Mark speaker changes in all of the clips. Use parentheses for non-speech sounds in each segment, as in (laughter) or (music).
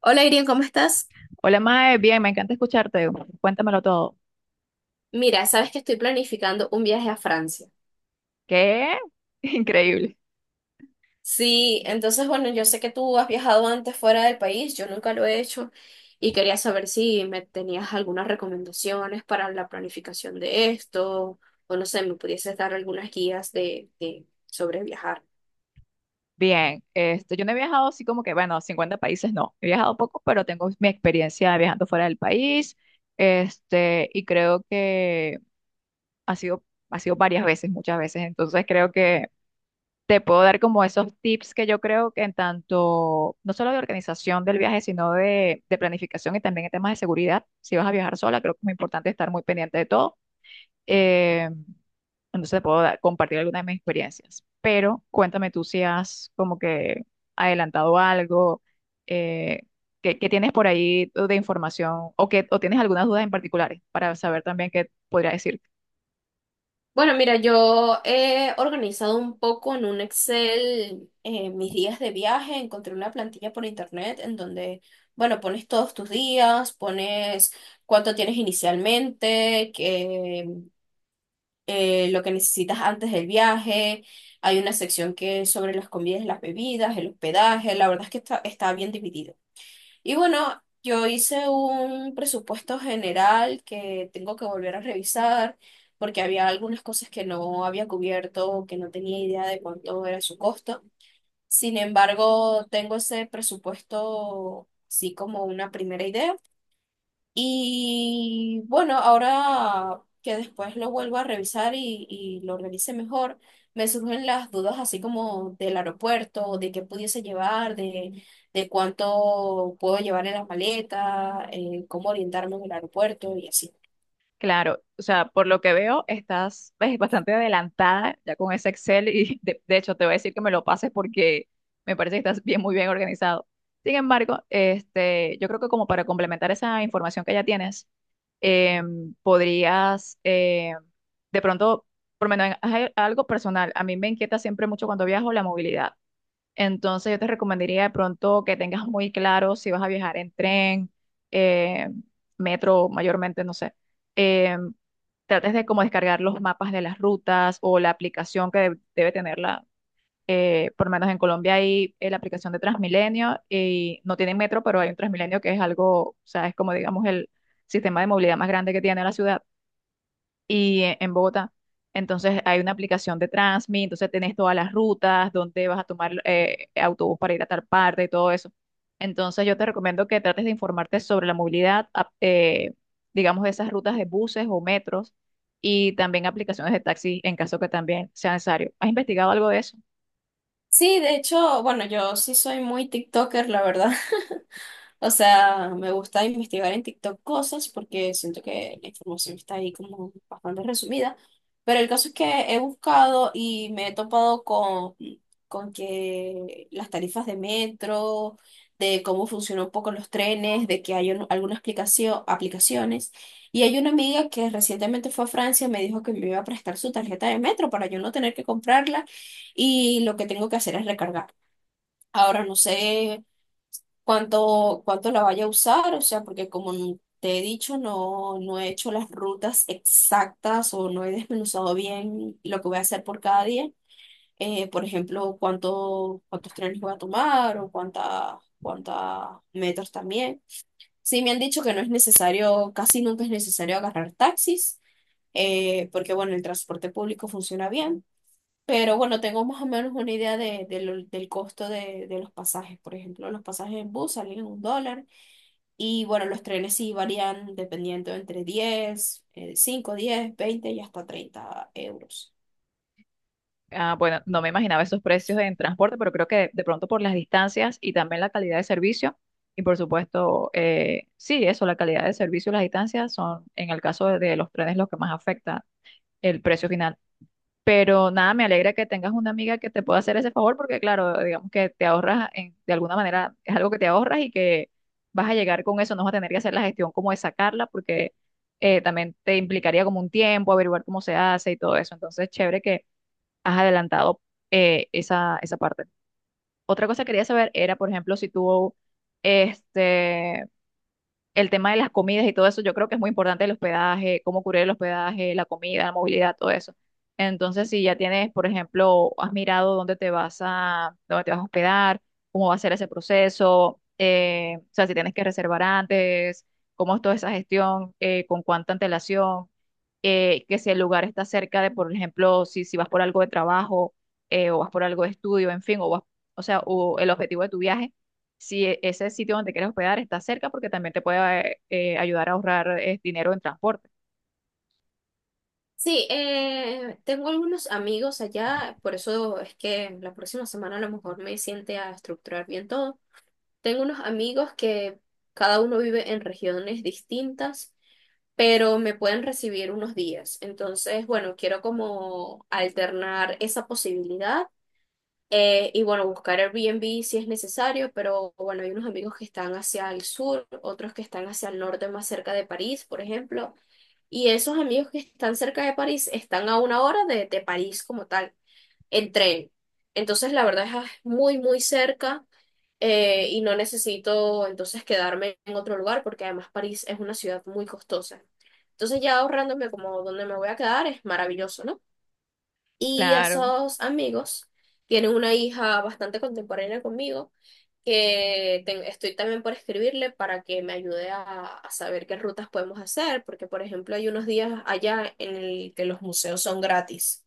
Speaker 1: Hola Irene, ¿cómo estás?
Speaker 2: Hola, Mae, bien, me encanta escucharte. Cuéntamelo todo.
Speaker 1: Mira, sabes que estoy planificando un viaje a Francia.
Speaker 2: ¿Qué? (laughs) Increíble.
Speaker 1: Sí, entonces bueno, yo sé que tú has viajado antes fuera del país, yo nunca lo he hecho y quería saber si me tenías algunas recomendaciones para la planificación de esto o no sé, me pudieses dar algunas guías de sobre viajar.
Speaker 2: Bien, yo no he viajado así como que, bueno, 50 países no. He viajado poco, pero tengo mi experiencia viajando fuera del país. Y creo que ha sido, ha sido varias veces, muchas veces. Entonces creo que te puedo dar como esos tips que yo creo que en tanto, no solo de organización del viaje, sino de planificación y también en temas de seguridad. Si vas a viajar sola, creo que es muy importante estar muy pendiente de todo. Eh, entonces te puedo compartir algunas de mis experiencias. Pero cuéntame tú si has como que adelantado algo, eh, ¿qué tienes por ahí de información o, que, o tienes algunas dudas en particulares para saber también qué podría decir?
Speaker 1: Bueno, mira, yo he organizado un poco en un Excel mis días de viaje. Encontré una plantilla por internet en donde, bueno, pones todos tus días, pones cuánto tienes inicialmente, que, lo que necesitas antes del viaje. Hay una sección que es sobre las comidas, las bebidas, el hospedaje. La verdad es que está bien dividida. Y bueno, yo hice un presupuesto general que tengo que volver a revisar porque había algunas cosas que no había cubierto o que no tenía idea de cuánto era su costo. Sin embargo, tengo ese presupuesto así como una primera idea. Y bueno, ahora que después lo vuelvo a revisar y lo revise mejor, me surgen las dudas así como del aeropuerto, de qué pudiese llevar, de cuánto puedo llevar en la maleta, cómo orientarme en el aeropuerto y así.
Speaker 2: Claro, o sea, por lo que veo, estás pues, bastante adelantada ya con ese Excel y (laughs) de hecho te voy a decir que me lo pases porque me parece que estás bien, muy bien organizado. Sin embargo, yo creo que como para complementar esa información que ya tienes, podrías de pronto, por lo menos algo personal, a mí me inquieta siempre mucho cuando viajo la movilidad. Entonces yo te recomendaría de pronto que tengas muy claro si vas a viajar en tren, eh, metro, mayormente, no sé. Eh, Trates de como descargar los mapas de las rutas o la aplicación que debe tenerla. Por lo menos en Colombia hay la aplicación de Transmilenio y no tienen metro, pero hay un Transmilenio que es algo, o sea, es como digamos el sistema de movilidad más grande que tiene la ciudad y en Bogotá. Entonces hay una aplicación de Transmi, entonces tenés todas las rutas, dónde vas a tomar autobús para ir a tal parte y todo eso. Entonces yo te recomiendo que trates de informarte sobre la movilidad, digamos, de esas rutas de buses o metros y también aplicaciones de taxi en caso que también sea necesario. ¿Has investigado algo de eso?
Speaker 1: Sí, de hecho, bueno, yo sí soy muy TikToker, la verdad. O sea, me gusta investigar en TikTok cosas porque siento que la información está ahí como bastante resumida. Pero el caso es que he buscado y me he topado con que las tarifas de metro, de cómo funcionan un poco los trenes, de que hay aplicaciones. Y hay una amiga que recientemente fue a Francia y me dijo que me iba a prestar su tarjeta de metro para yo no tener que comprarla y lo que tengo que hacer es recargar. Ahora no sé cuánto la vaya a usar, o sea, porque como te he dicho, no he hecho las rutas exactas o no he desmenuzado bien lo que voy a hacer por cada día. Por ejemplo, cuántos trenes voy a tomar o cuántas metros también. Sí, me han dicho que no es necesario, casi nunca es necesario agarrar taxis, porque bueno, el transporte público funciona bien. Pero bueno, tengo más o menos una idea del costo de los pasajes. Por ejemplo, los pasajes en bus salen en $1, y bueno, los trenes sí varían dependiendo entre 10 5, 10, 20 y hasta 30 euros.
Speaker 2: Ah, bueno, no me imaginaba esos precios en transporte, pero creo que de pronto por las distancias y también la calidad de servicio, y por supuesto, sí, eso, la calidad de servicio y las distancias son, en el caso de los trenes, lo que más afecta el precio final. Pero nada, me alegra que tengas una amiga que te pueda hacer ese favor, porque claro, digamos que te ahorras, de alguna manera, es algo que te ahorras y que vas a llegar con eso, no vas a tener que hacer la gestión como de sacarla, porque también te implicaría como un tiempo, averiguar cómo se hace y todo eso. Entonces, chévere que has adelantado esa parte. Otra cosa que quería saber era, por ejemplo, si tú, este, el tema de las comidas y todo eso, yo creo que es muy importante el hospedaje, cómo cubrir el hospedaje, la comida, la movilidad, todo eso. Entonces, si ya tienes, por ejemplo, has mirado dónde te vas a, dónde te vas a hospedar, cómo va a ser ese proceso, o sea, si tienes que reservar antes, cómo es toda esa gestión, con cuánta antelación que si el lugar está cerca de, por ejemplo, si vas por algo de trabajo o vas por algo de estudio, en fin, o vas, o sea, o el objetivo de tu viaje, si ese sitio donde quieres hospedar está cerca, porque también te puede ayudar a ahorrar dinero en transporte.
Speaker 1: Sí, tengo algunos amigos allá, por eso es que la próxima semana a lo mejor me siente a estructurar bien todo. Tengo unos amigos que cada uno vive en regiones distintas, pero me pueden recibir unos días. Entonces, bueno, quiero como alternar esa posibilidad. Y bueno, buscar Airbnb si es necesario, pero bueno, hay unos amigos que están hacia el sur, otros que están hacia el norte, más cerca de París, por ejemplo. Y esos amigos que están cerca de París están a 1 hora de París como tal, en tren. Entonces, la verdad es ah, muy, muy cerca y no necesito entonces quedarme en otro lugar porque además París es una ciudad muy costosa. Entonces, ya ahorrándome como donde me voy a quedar es maravilloso, ¿no? Y
Speaker 2: Claro.
Speaker 1: esos amigos tienen una hija bastante contemporánea conmigo, que estoy también por escribirle para que me ayude a saber qué rutas podemos hacer, porque por ejemplo hay unos días allá en el que los museos son gratis.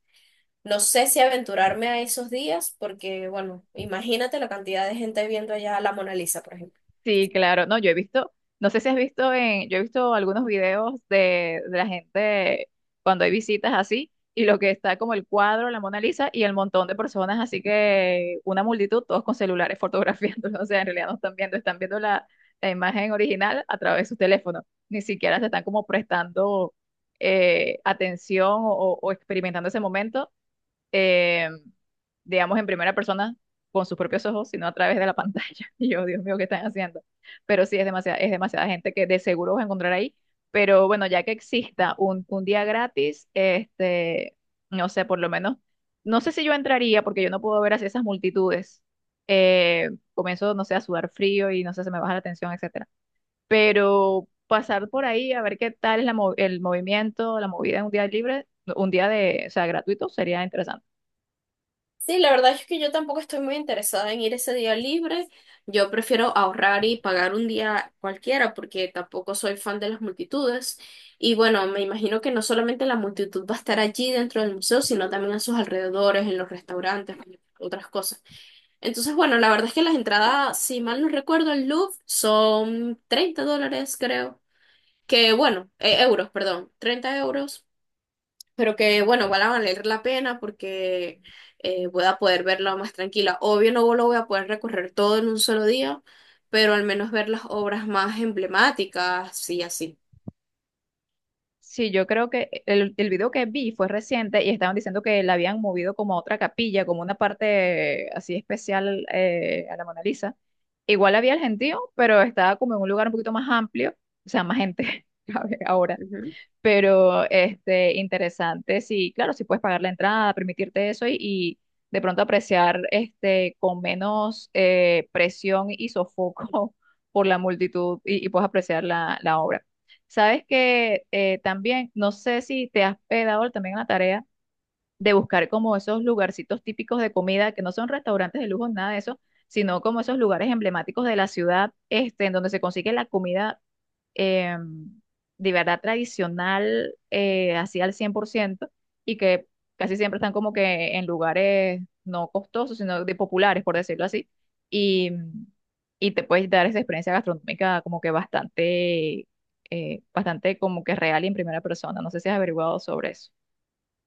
Speaker 1: No sé si aventurarme a esos días, porque bueno, imagínate la cantidad de gente viendo allá la Mona Lisa, por ejemplo.
Speaker 2: Sí, claro. No, yo he visto, no sé si has visto en, yo he visto algunos videos de la gente cuando hay visitas así, y lo que está como el cuadro, la Mona Lisa, y el montón de personas, así que una multitud, todos con celulares fotografiándolo. (laughs) O sea, en realidad no están viendo, están viendo la, la imagen original a través de sus teléfonos. Ni siquiera se están como prestando atención o experimentando ese momento eh, digamos, en primera persona con sus propios ojos, sino a través de la pantalla. (laughs) Y yo, Dios mío, ¿qué están haciendo? Pero sí, es demasiada gente que de seguro vas a encontrar ahí. Pero bueno, ya que exista un día gratis, no sé, por lo menos, no sé si yo entraría porque yo no puedo ver así esas multitudes. Eh, Comienzo, no sé, a sudar frío y no sé, se me baja la tensión, etcétera. Pero pasar por ahí a ver qué tal es la el movimiento, la movida en un día libre, un día de, o sea, gratuito, sería interesante.
Speaker 1: Sí, la verdad es que yo tampoco estoy muy interesada en ir ese día libre. Yo prefiero ahorrar y pagar un día cualquiera porque tampoco soy fan de las multitudes. Y bueno, me imagino que no solamente la multitud va a estar allí dentro del museo, sino también a sus alrededores, en los restaurantes, en otras cosas. Entonces, bueno, la verdad es que las entradas, si mal no recuerdo, el Louvre son $30, creo. Que bueno, euros, perdón, 30 euros, pero que bueno, igual va a valer la pena porque voy a poder verla más tranquila. Obvio no lo voy a poder recorrer todo en un solo día, pero al menos ver las obras más emblemáticas, sí, así.
Speaker 2: Sí, yo creo que el video que vi fue reciente y estaban diciendo que la habían movido como a otra capilla, como una parte así especial a la Mona Lisa. Igual había el gentío, pero estaba como en un lugar un poquito más amplio, o sea, más gente, (laughs) ¿sabes? Ahora. Pero este, interesante, sí, claro, si puedes pagar la entrada, permitirte eso y de pronto apreciar este, con menos presión y sofoco (laughs) por la multitud y puedes apreciar la, la obra. Sabes que también, no sé si te has pegado también a la tarea de buscar como esos lugarcitos típicos de comida, que no son restaurantes de lujo, nada de eso, sino como esos lugares emblemáticos de la ciudad, en donde se consigue la comida eh, de verdad tradicional, así al 100% y que casi siempre están como que en lugares no costosos, sino de populares, por decirlo así, y, y te puedes dar esa experiencia gastronómica como que bastante, bastante como que real y en primera persona. No sé si has averiguado sobre eso.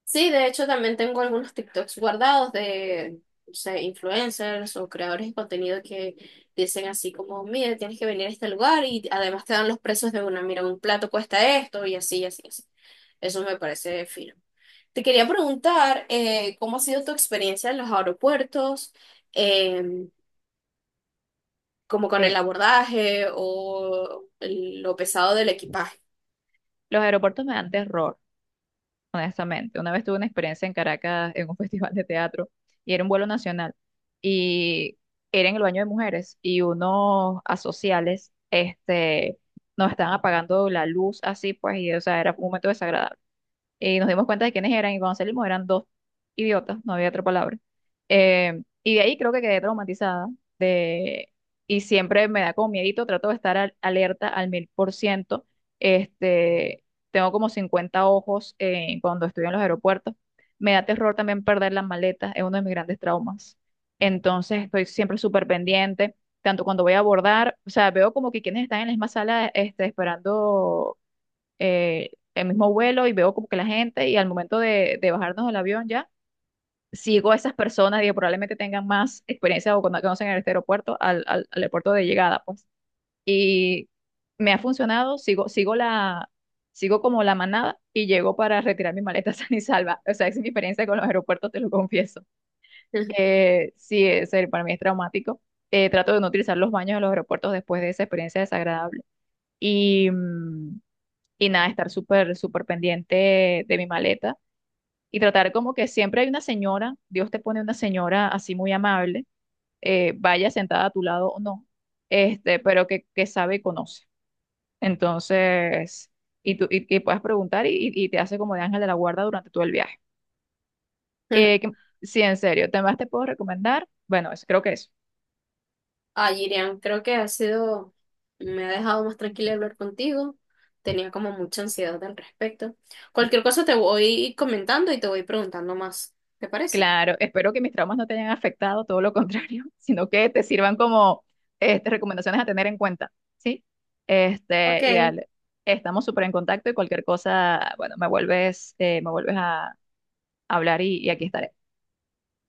Speaker 1: Sí, de hecho también tengo algunos TikToks guardados de, no sé, influencers o creadores de contenido que dicen así como, mira, tienes que venir a este lugar y además te dan los precios de una, mira, un plato cuesta esto y así, y así, y así. Eso me parece fino. Te quería preguntar, ¿cómo ha sido tu experiencia en los aeropuertos? Em, como con el
Speaker 2: Eh,
Speaker 1: abordaje o lo pesado del equipaje.
Speaker 2: los aeropuertos me dan terror, honestamente. Una vez tuve una experiencia en Caracas en un (laughs) festival de teatro y era un vuelo nacional y era en el baño de mujeres y unos asociales nos estaban apagando la luz así, pues, y o sea, era un momento desagradable y nos dimos cuenta de quiénes eran y cuando salimos eran dos idiotas, no había otra palabra. Y de ahí creo que quedé traumatizada de, y siempre me da como miedito, trato de estar alerta al 1000%. Este, Tengo como 50 ojos cuando estoy en los aeropuertos. Me da terror también perder las maletas, es uno de mis grandes traumas. Entonces estoy siempre súper pendiente, tanto cuando voy a abordar, o sea, veo como que quienes están en la misma sala esperando el mismo vuelo y veo como que la gente y al momento de bajarnos del avión ya, sigo a esas personas, digo, probablemente tengan más experiencia o cuando conocen este aeropuerto al aeropuerto de llegada, pues. Y me ha funcionado, sigo como la manada y llego para retirar mi maleta (laughs) sana y salva. O sea, esa es mi experiencia con los aeropuertos, te lo confieso.
Speaker 1: (laughs)
Speaker 2: Sí, es, para mí es traumático. Trato de no utilizar los baños de los aeropuertos después de esa experiencia desagradable. Y, y nada, estar súper, súper pendiente de mi maleta y tratar como que siempre hay una señora, Dios te pone una señora así muy amable, vaya sentada a tu lado o no, pero que sabe y conoce. Entonces, y tú y puedes preguntar y, y te hace como de ángel de la guarda durante todo el viaje. Eh, que- sí, en serio, ¿temas te puedo recomendar? Bueno, eso, creo que eso.
Speaker 1: Ah, Irian, creo que ha sido, me ha dejado más tranquila hablar contigo. Tenía como mucha ansiedad al respecto. Cualquier cosa te voy comentando y te voy preguntando más. ¿Te parece?
Speaker 2: Claro, espero que mis traumas no te hayan afectado, todo lo contrario, (laughs) sino que te sirvan como recomendaciones a tener en cuenta, ¿sí? Y
Speaker 1: Ok,
Speaker 2: dale, estamos súper en contacto y cualquier cosa, bueno, me vuelves a hablar y aquí estaré.